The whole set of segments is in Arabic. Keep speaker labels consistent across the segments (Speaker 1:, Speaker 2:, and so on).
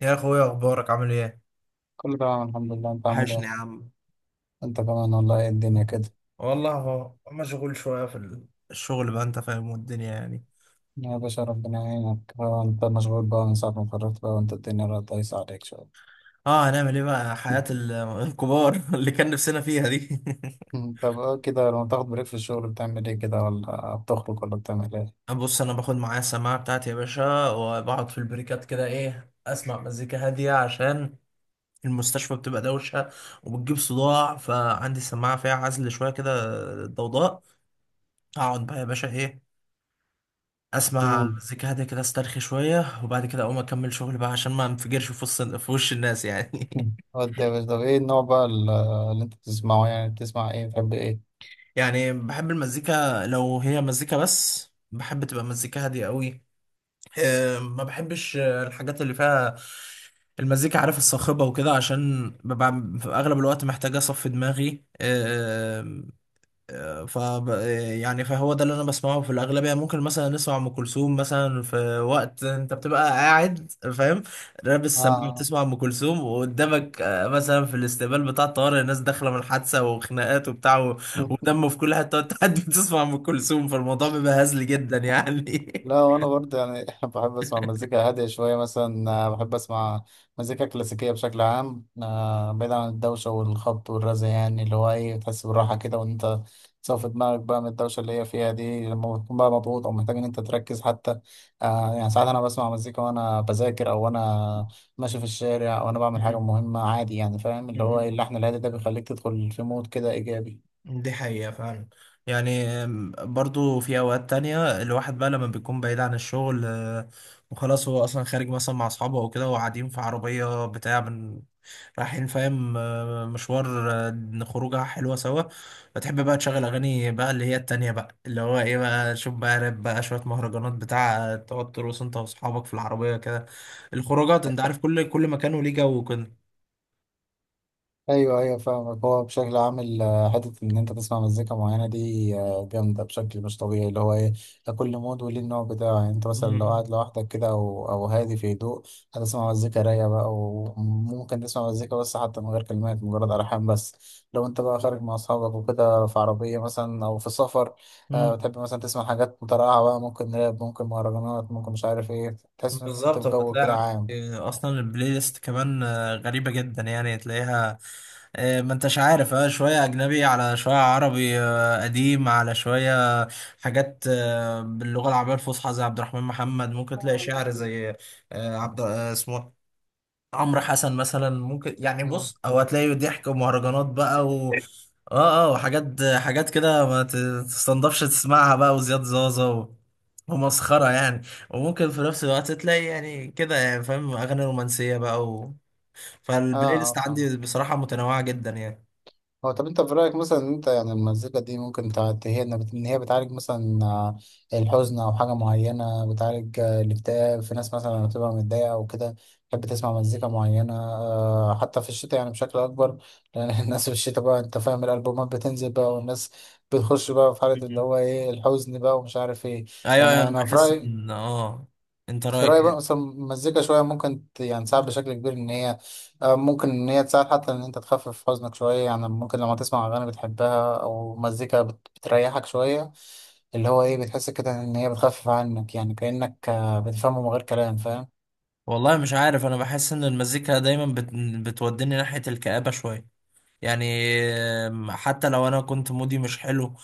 Speaker 1: يا اخويا، اخبارك عامل ايه؟
Speaker 2: كله تمام الحمد لله. انت عامل
Speaker 1: وحشني يا
Speaker 2: ايه؟
Speaker 1: عم.
Speaker 2: انت كمان والله. ايه الدنيا كده.
Speaker 1: والله هو مشغول شويه في الشغل بقى، انت فاهم، والدنيا يعني.
Speaker 2: يا باشا ربنا يعينك. هو انت مشغول بقى من ساعة ما اتخرجت بقى، وانت الدنيا بقت دايسة عليك شوية.
Speaker 1: اه هنعمل ايه بقى، حياه الكبار اللي كان نفسنا فيها دي.
Speaker 2: طب كده لما تاخد بريك في الشغل بتعمل ايه، كده ولا بتخرج ولا بتعمل ايه؟
Speaker 1: بص، انا باخد معايا السماعه بتاعتي يا باشا، وبقعد في البريكات كده، ايه، اسمع مزيكا هاديه عشان المستشفى بتبقى دوشه وبتجيب صداع، فعندي السماعه فيها عزل شويه كده، ضوضاء. اقعد بقى يا باشا، ايه، اسمع
Speaker 2: مم.
Speaker 1: مزيكا هاديه كده، استرخي شويه، وبعد كده اقوم اكمل شغل بقى عشان ما انفجرش في وش الناس يعني.
Speaker 2: ودي يا باشا، طب ايه النوع بقى اللي انت بتسمعه، يعني بتسمع ايه، بتحب ايه؟
Speaker 1: يعني بحب المزيكا، لو هي مزيكا بس بحب تبقى مزيكا هاديه قوي. ما بحبش الحاجات اللي فيها المزيكا، عارف، الصاخبه وكده، عشان ببقى في اغلب الوقت محتاج اصفي دماغي. ف يعني فهو ده اللي انا بسمعه في الاغلبيه. ممكن مثلا نسمع ام كلثوم مثلا في وقت انت بتبقى قاعد، فاهم، لابس سماعه،
Speaker 2: اه.
Speaker 1: بتسمع ام كلثوم، وقدامك مثلا في الاستقبال بتاع الطوارئ، الناس داخله من حادثه وخناقات وبتاع ودم في كل حته، وانت قاعد بتسمع ام كلثوم، فالموضوع بيبقى هزلي جدا يعني.
Speaker 2: لا وانا برضه يعني بحب اسمع مزيكا هاديه شويه، مثلا بحب اسمع مزيكا كلاسيكيه بشكل عام، بعيد عن الدوشه والخبط والرزع، يعني اللي هو ايه تحس بالراحه كده، وان انت تصفي دماغك بقى من الدوشه اللي هي فيها دي لما بتكون بقى مضغوط او محتاج ان انت تركز حتى. يعني ساعات انا بسمع مزيكا وانا بذاكر، او وانا ماشي في الشارع، او انا بعمل حاجه مهمه عادي، يعني فاهم اللي هو ايه،
Speaker 1: مم.
Speaker 2: اللحن الهادي ده بيخليك تدخل في مود كده ايجابي.
Speaker 1: دي حقيقة فعلا. يعني برضو في أوقات تانية الواحد بقى لما بيكون بعيد عن الشغل وخلاص، هو أصلا خارج مثلا مع أصحابه أو كده، وقاعدين في عربية بتاع من، رايحين، فاهم، مشوار، خروجة حلوة سوا. فتحب بقى تشغل أغاني بقى اللي هي التانية بقى، اللي هو إيه بقى، شوف بقى راب بقى، شوية مهرجانات بتاع، تقعد ترقص أنت وأصحابك في العربية كده. الخروجات أنت عارف، كل مكان وليه جو وكده.
Speaker 2: ايوه ايوه فاهمك. هو بشكل عام حته ان انت تسمع مزيكا معينه دي جامده بشكل مش طبيعي، اللي هو ايه لكل مود وليه النوع بتاعه. يعني انت مثلا لو قاعد لوحدك كده او هادي في هدوء، هتسمع مزيكا رايقه بقى، وممكن تسمع مزيكا بس حتى من غير كلمات، مجرد الحان بس. لو انت بقى خارج مع اصحابك وكده في عربيه مثلا او في سفر،
Speaker 1: مم.
Speaker 2: بتحب مثلا تسمع حاجات مترقعه بقى، ممكن راب ممكن مهرجانات ممكن مش عارف ايه، تحس ان انت في
Speaker 1: بالظبط.
Speaker 2: جو كده
Speaker 1: فتلاقي
Speaker 2: عام.
Speaker 1: عندي اصلا البلاي ليست كمان غريبه جدا يعني، تلاقيها ما انتش عارف، اه، شويه اجنبي على شويه عربي، قديم، على شويه حاجات باللغه العربيه الفصحى زي عبد الرحمن محمد. ممكن تلاقي شعر زي آه، عبد آه، اسمه عمرو حسن مثلا. ممكن، يعني،
Speaker 2: مم.
Speaker 1: بص، او هتلاقي ضحك ومهرجانات بقى و اه اه وحاجات حاجات كده ما تستنضفش تسمعها بقى، وزياد زازا ومسخرة يعني. وممكن في نفس الوقت تلاقي، يعني كده، يعني فاهم، أغاني رومانسية بقى
Speaker 2: اه
Speaker 1: فالبلاي ليست
Speaker 2: اه فاهم.
Speaker 1: عندي بصراحة متنوعة جدا يعني.
Speaker 2: هو طب انت في رأيك مثلا ان انت يعني المزيكا دي ممكن ان هي بتعالج مثلا الحزن او حاجة معينة، بتعالج الاكتئاب في ناس مثلا لما بتبقى متضايقة او كده تحب تسمع مزيكا معينة حتى في الشتاء يعني بشكل اكبر، لان الناس في الشتاء بقى انت فاهم الالبومات بتنزل بقى، والناس بتخش بقى في حالة اللي
Speaker 1: مم.
Speaker 2: هو ايه الحزن بقى، ومش عارف ايه.
Speaker 1: أيوه أيوه،
Speaker 2: يعني
Speaker 1: أنا
Speaker 2: انا في
Speaker 1: بحس
Speaker 2: رأيي
Speaker 1: إن أنت
Speaker 2: في
Speaker 1: رأيك
Speaker 2: رأيي بقى
Speaker 1: إيه؟
Speaker 2: مثلا المزيكا شوية ممكن يعني تساعد بشكل كبير إن هي ممكن إن هي تساعد حتى إن أنت تخفف حزنك شوية، يعني ممكن لما تسمع أغاني بتحبها أو مزيكا بتريحك شوية، اللي هو إيه بتحس كده إن هي بتخفف عنك، يعني كأنك بتفهمه من غير كلام فاهم؟
Speaker 1: والله مش عارف، أنا بحس إن المزيكا دايما بتوديني ناحية الكآبة شوية يعني. حتى لو انا كنت مودي مش حلو،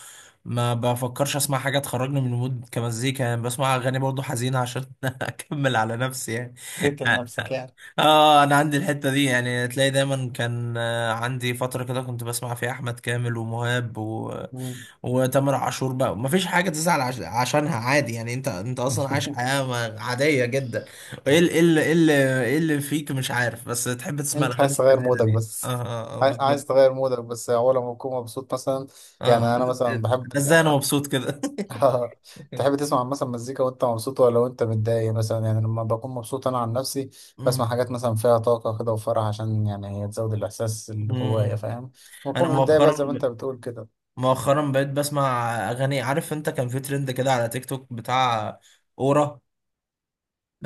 Speaker 1: ما بفكرش اسمع حاجه تخرجني من المود كمزيكا، يعني بسمع اغاني برضو حزينه عشان اكمل على نفسي يعني.
Speaker 2: تقتل نفسك يعني.
Speaker 1: اه، انا عندي الحته دي يعني، تلاقي دايما. كان عندي فتره كده كنت بسمع فيها احمد كامل ومهاب
Speaker 2: مم.
Speaker 1: وتامر عاشور بقى. ما فيش حاجه تزعل عشانها، عادي يعني، انت انت اصلا عايش حياه عاديه جدا. ايه ال- ايه ال- ايه اللي إيه اللي فيك، مش عارف، بس تحب تسمع
Speaker 2: أنت
Speaker 1: الاغاني
Speaker 2: عايز تغير
Speaker 1: الحزينه
Speaker 2: مودك
Speaker 1: دي. اه
Speaker 2: بس.
Speaker 1: اه، آه
Speaker 2: عاي-
Speaker 1: بالظبط.
Speaker 2: عايز تغير مودك بس. أول ما بكون مبسوط مثلا، يعني
Speaker 1: اه.
Speaker 2: أنا مثلا بحب.
Speaker 1: ده ازاي انا مبسوط كده؟
Speaker 2: آه. تحب تسمع مثلا مزيكا وانت مبسوط ولا وانت متضايق؟ مثلا يعني لما بكون مبسوط انا عن نفسي
Speaker 1: مم.
Speaker 2: بسمع حاجات مثلا فيها طاقة كده وفرح، عشان يعني هي تزود الاحساس اللي جوايا
Speaker 1: مم.
Speaker 2: فاهم.
Speaker 1: انا
Speaker 2: بكون متضايق
Speaker 1: مؤخرا،
Speaker 2: بقى زي ما انت بتقول كده.
Speaker 1: مؤخرا بقيت بسمع اغاني. عارف انت كان في ترند كده على تيك توك بتاع اورا،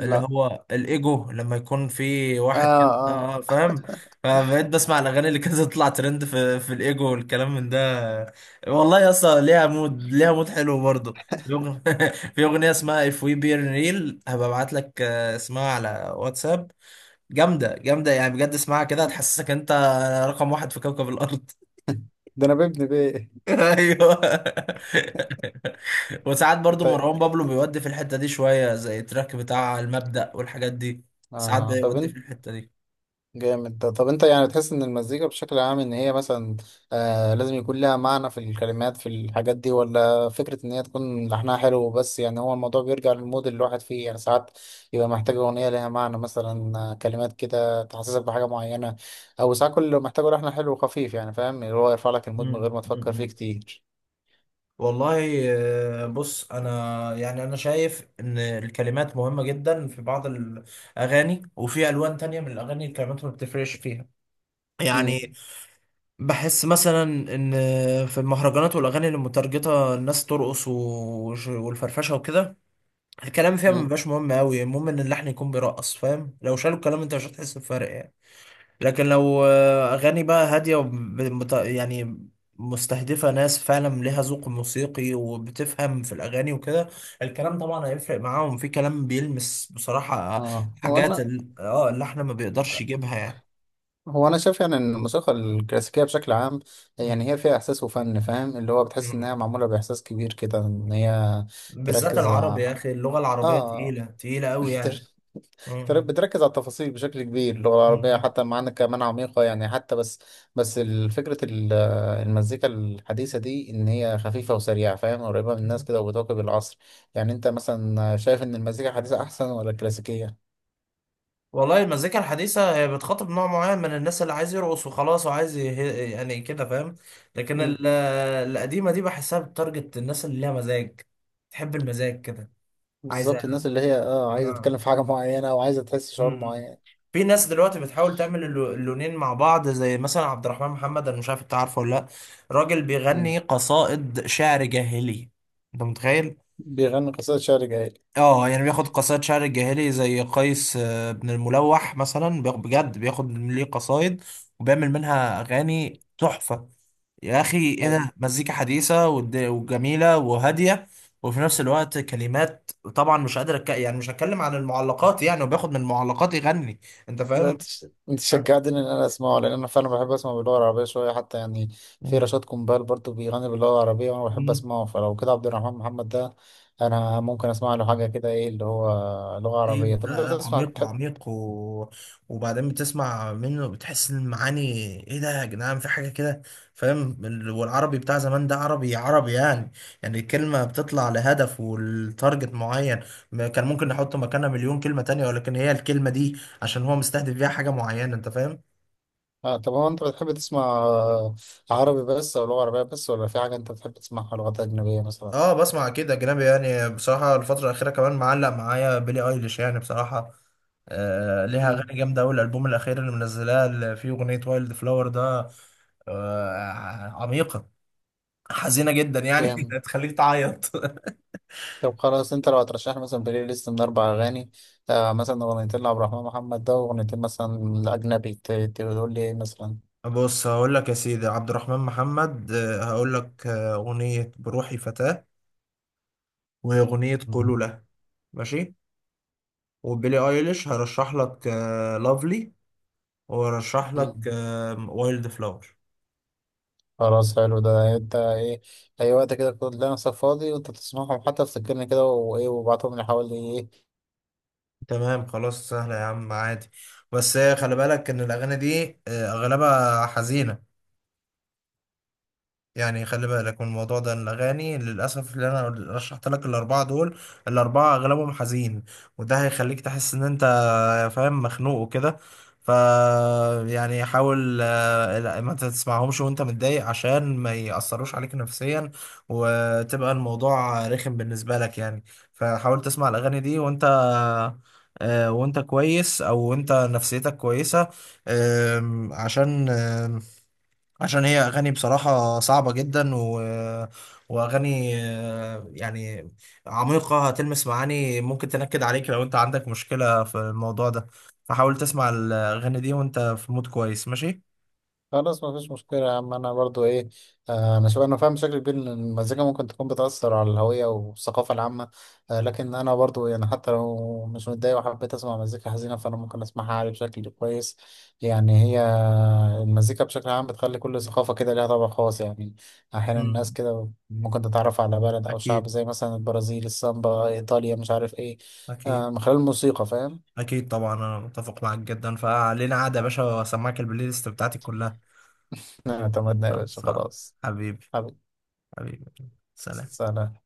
Speaker 1: اللي هو الايجو، لما يكون في واحد
Speaker 2: اه
Speaker 1: كده
Speaker 2: اه.
Speaker 1: فاهم. فبقيت بسمع الاغاني اللي كانت تطلع ترند في الايجو والكلام من ده. والله يا اسطى، ليها مود، ليها مود حلو برضه. في اغنيه اسمها If We Be Real، هبقى ابعت لك اسمها على واتساب. جامدة جامدة يعني بجد، اسمعها كده هتحسسك انت رقم واحد في كوكب الأرض.
Speaker 2: ده انا بابن بيه.
Speaker 1: ايوه. وساعات برضو
Speaker 2: طيب.
Speaker 1: مروان بابلو بيودي في الحتة دي شوية، زي التراك بتاع المبدأ والحاجات دي. ساعات
Speaker 2: اه طب
Speaker 1: بيودي في
Speaker 2: انت.
Speaker 1: الحتة دي.
Speaker 2: جامد ده. طب انت يعني تحس ان المزيكا بشكل عام ان هي مثلا لازم يكون لها معنى في الكلمات، في الحاجات دي، ولا فكرة ان هي تكون لحنها حلو بس؟ يعني هو الموضوع بيرجع للمود اللي الواحد فيه، يعني ساعات يبقى محتاج اغنية لها معنى مثلا كلمات كده تحسسك بحاجة معينة، او ساعات كل اللي محتاجه لحن حلو وخفيف، يعني فاهم اللي هو يرفع لك المود من
Speaker 1: مم.
Speaker 2: غير ما تفكر
Speaker 1: مم.
Speaker 2: فيه كتير.
Speaker 1: والله، بص، انا يعني انا شايف ان الكلمات مهمة جدا في بعض الاغاني، وفي الوان تانية من الاغاني الكلمات ما بتفرقش فيها يعني.
Speaker 2: امم
Speaker 1: بحس مثلا ان في المهرجانات والاغاني اللي متارجته الناس ترقص والفرفشه وكده، الكلام فيها ما
Speaker 2: امم
Speaker 1: بيبقاش مهم قوي. المهم ان اللحن يكون بيرقص، فاهم، لو شالوا الكلام انت مش هتحس بفرق يعني. لكن لو اغاني بقى هاديه يعني مستهدفه ناس فعلا ليها ذوق موسيقي وبتفهم في الاغاني وكده، الكلام طبعا هيفرق معاهم. في كلام بيلمس بصراحه
Speaker 2: اه
Speaker 1: حاجات
Speaker 2: وانا.
Speaker 1: اللحن ما بيقدرش يجيبها
Speaker 2: هو انا شايف يعني ان الموسيقى الكلاسيكيه بشكل عام،
Speaker 1: يعني.
Speaker 2: يعني هي فيها احساس وفن فاهم، اللي هو بتحس انها معموله باحساس كبير كده، ان هي
Speaker 1: بالذات
Speaker 2: تركز
Speaker 1: العربي، يا اخي اللغه العربيه
Speaker 2: اه.
Speaker 1: تقيله تقيله قوي يعني.
Speaker 2: تر-
Speaker 1: مم.
Speaker 2: بتركز على التفاصيل بشكل كبير، اللغه العربيه
Speaker 1: مم.
Speaker 2: حتى، مع انك كمان عميقه يعني حتى، بس فكره المزيكا الحديثه دي ان هي خفيفه وسريعه، فاهم، قريبه من الناس كده وبتواكب العصر. يعني انت مثلا شايف ان المزيكا الحديثه احسن ولا الكلاسيكيه؟
Speaker 1: والله المزيكا الحديثة هي بتخاطب نوع معين من الناس، اللي عايز يرقص وخلاص، وعايز يعني كده فاهم. لكن
Speaker 2: مم.
Speaker 1: القديمة دي بحسها بتارجت الناس اللي ليها مزاج، تحب المزاج كده. عايزة.
Speaker 2: بالظبط. الناس اللي هي اه عايزه
Speaker 1: آه.
Speaker 2: تتكلم في حاجه معينه او عايزه تحس
Speaker 1: م-
Speaker 2: شعور
Speaker 1: م.
Speaker 2: معين.
Speaker 1: في ناس دلوقتي بتحاول تعمل اللونين مع بعض، زي مثلا عبد الرحمن محمد. انا مش عارف انت عارفه ولا لا. راجل بيغني قصائد شعر جاهلي. انت متخيل؟
Speaker 2: بيغني قصائد شعر جاهلي؟
Speaker 1: اه، يعني بياخد قصائد شعر الجاهلي زي قيس بن الملوح مثلا، بجد بياخد ليه قصايد وبيعمل منها اغاني تحفة. يا اخي ايه
Speaker 2: حلو.
Speaker 1: ده، مزيكا حديثة وجميلة وهادية، وفي نفس الوقت كلمات، طبعا مش قادر يعني مش هتكلم عن المعلقات يعني، وبياخد من المعلقات يغني. انت
Speaker 2: لا
Speaker 1: فاهم؟
Speaker 2: انت شجعتني ان انا اسمعه، لان انا فعلا بحب اسمع باللغه العربيه شويه حتى يعني. في
Speaker 1: أه.
Speaker 2: رشاد كومبال برضو بيغني باللغه العربيه وانا بحب
Speaker 1: مم.
Speaker 2: اسمعه، فلو كده عبد الرحمن محمد ده انا ممكن اسمع له حاجه كده، ايه اللي هو لغه عربيه.
Speaker 1: أكيد.
Speaker 2: طب انت
Speaker 1: لا لا،
Speaker 2: بتسمع
Speaker 1: عميق عميق وبعدين بتسمع منه بتحس ان المعاني، ايه ده يا جدعان، في حاجه كده، فاهم، والعربي بتاع زمان ده عربي عربي يعني. يعني الكلمه بتطلع لهدف، والتارجت معين. ما كان ممكن نحط مكانها مليون كلمه تانية، ولكن هي الكلمه دي عشان هو مستهدف بيها حاجه معينه، انت فاهم.
Speaker 2: طب هو انت بتحب تسمع عربي بس او لغه عربيه بس، ولا في حاجه انت بتحب تسمعها لغات اجنبيه مثلا؟
Speaker 1: اه بسمع كده اجنبي. يعني بصراحه الفتره الاخيره كمان معلق معايا بيلي ايليش، يعني بصراحه آه ليها اغاني جامده قوي، الالبوم الاخير اللي منزلاه اللي فيه اغنيه وايلد فلاور ده، آه عميقه، حزينه جدا يعني
Speaker 2: امم
Speaker 1: تخليك تعيط.
Speaker 2: طب خلاص. انت لو هترشح لي مثلا بلاي ليست من اربع اغاني، مثلا اغنيتين لعبد الرحمن محمد ده، واغنيتين مثلا لاجنبي، تقول لي ايه مثلا؟
Speaker 1: بص هقول لك يا سيدي، عبد الرحمن محمد هقول لك أغنية بروحي فتاة، وأغنية قولوا
Speaker 2: مم.
Speaker 1: له. ماشي. وبيلي ايليش هرشح لك لافلي، وهرشح لك
Speaker 2: مم.
Speaker 1: وايلد فلاور.
Speaker 2: خلاص حلو ده. انت ايه اي وقت كده كنت لنفسك فاضي وانت تسمعهم، حتى تسجلني كده وايه وابعتهم لي، حوالي ايه.
Speaker 1: تمام. خلاص سهلة يا عم عادي. بس خلي بالك ان الاغاني دي اغلبها حزينة يعني. خلي بالك من الموضوع ده. الأغاني للأسف اللي أنا رشحت لك الأربعة دول، الأربعة أغلبهم حزين، وده هيخليك تحس إن أنت فاهم مخنوق وكده. ف يعني حاول، لا، ما تسمعهمش وأنت متضايق عشان ما يأثروش عليك نفسيا، وتبقى الموضوع رخم بالنسبة لك يعني. فحاول تسمع الأغاني دي وأنت وأنت كويس، أو أنت نفسيتك كويسة، عشان عشان هي اغاني بصراحه صعبه جدا واغاني يعني عميقه، هتلمس معاني ممكن تنكد عليك لو انت عندك مشكله في الموضوع ده. فحاول تسمع الاغاني دي وانت في مود كويس، ماشي.
Speaker 2: خلاص مفيش مشكلة يا عم. أنا برضو إيه، أنا شوف. أنا فاهم بشكل كبير إن المزيكا ممكن تكون بتأثر على الهوية والثقافة العامة، لكن أنا برضو يعني حتى لو مش متضايق وحبيت أسمع مزيكا حزينة، فأنا ممكن أسمعها عادي بشكل كويس. يعني هي المزيكا بشكل عام بتخلي كل ثقافة كده ليها طابع خاص، يعني أحيانا الناس
Speaker 1: مم.
Speaker 2: كده ممكن تتعرف على بلد أو شعب
Speaker 1: اكيد
Speaker 2: زي مثلا البرازيل السامبا، إيطاليا مش عارف إيه،
Speaker 1: اكيد.
Speaker 2: من خلال الموسيقى فاهم.
Speaker 1: اكيد طبعا انا متفق معاك جدا. فعلينا قاعده يا باشا واسمعك البلاي ليست بتاعتي كلها.
Speaker 2: اعتمدنا يا
Speaker 1: خلاص.
Speaker 2: باشا خلاص.
Speaker 1: حبيبي.
Speaker 2: حبيبي.
Speaker 1: حبيبي. سلام.
Speaker 2: سلام.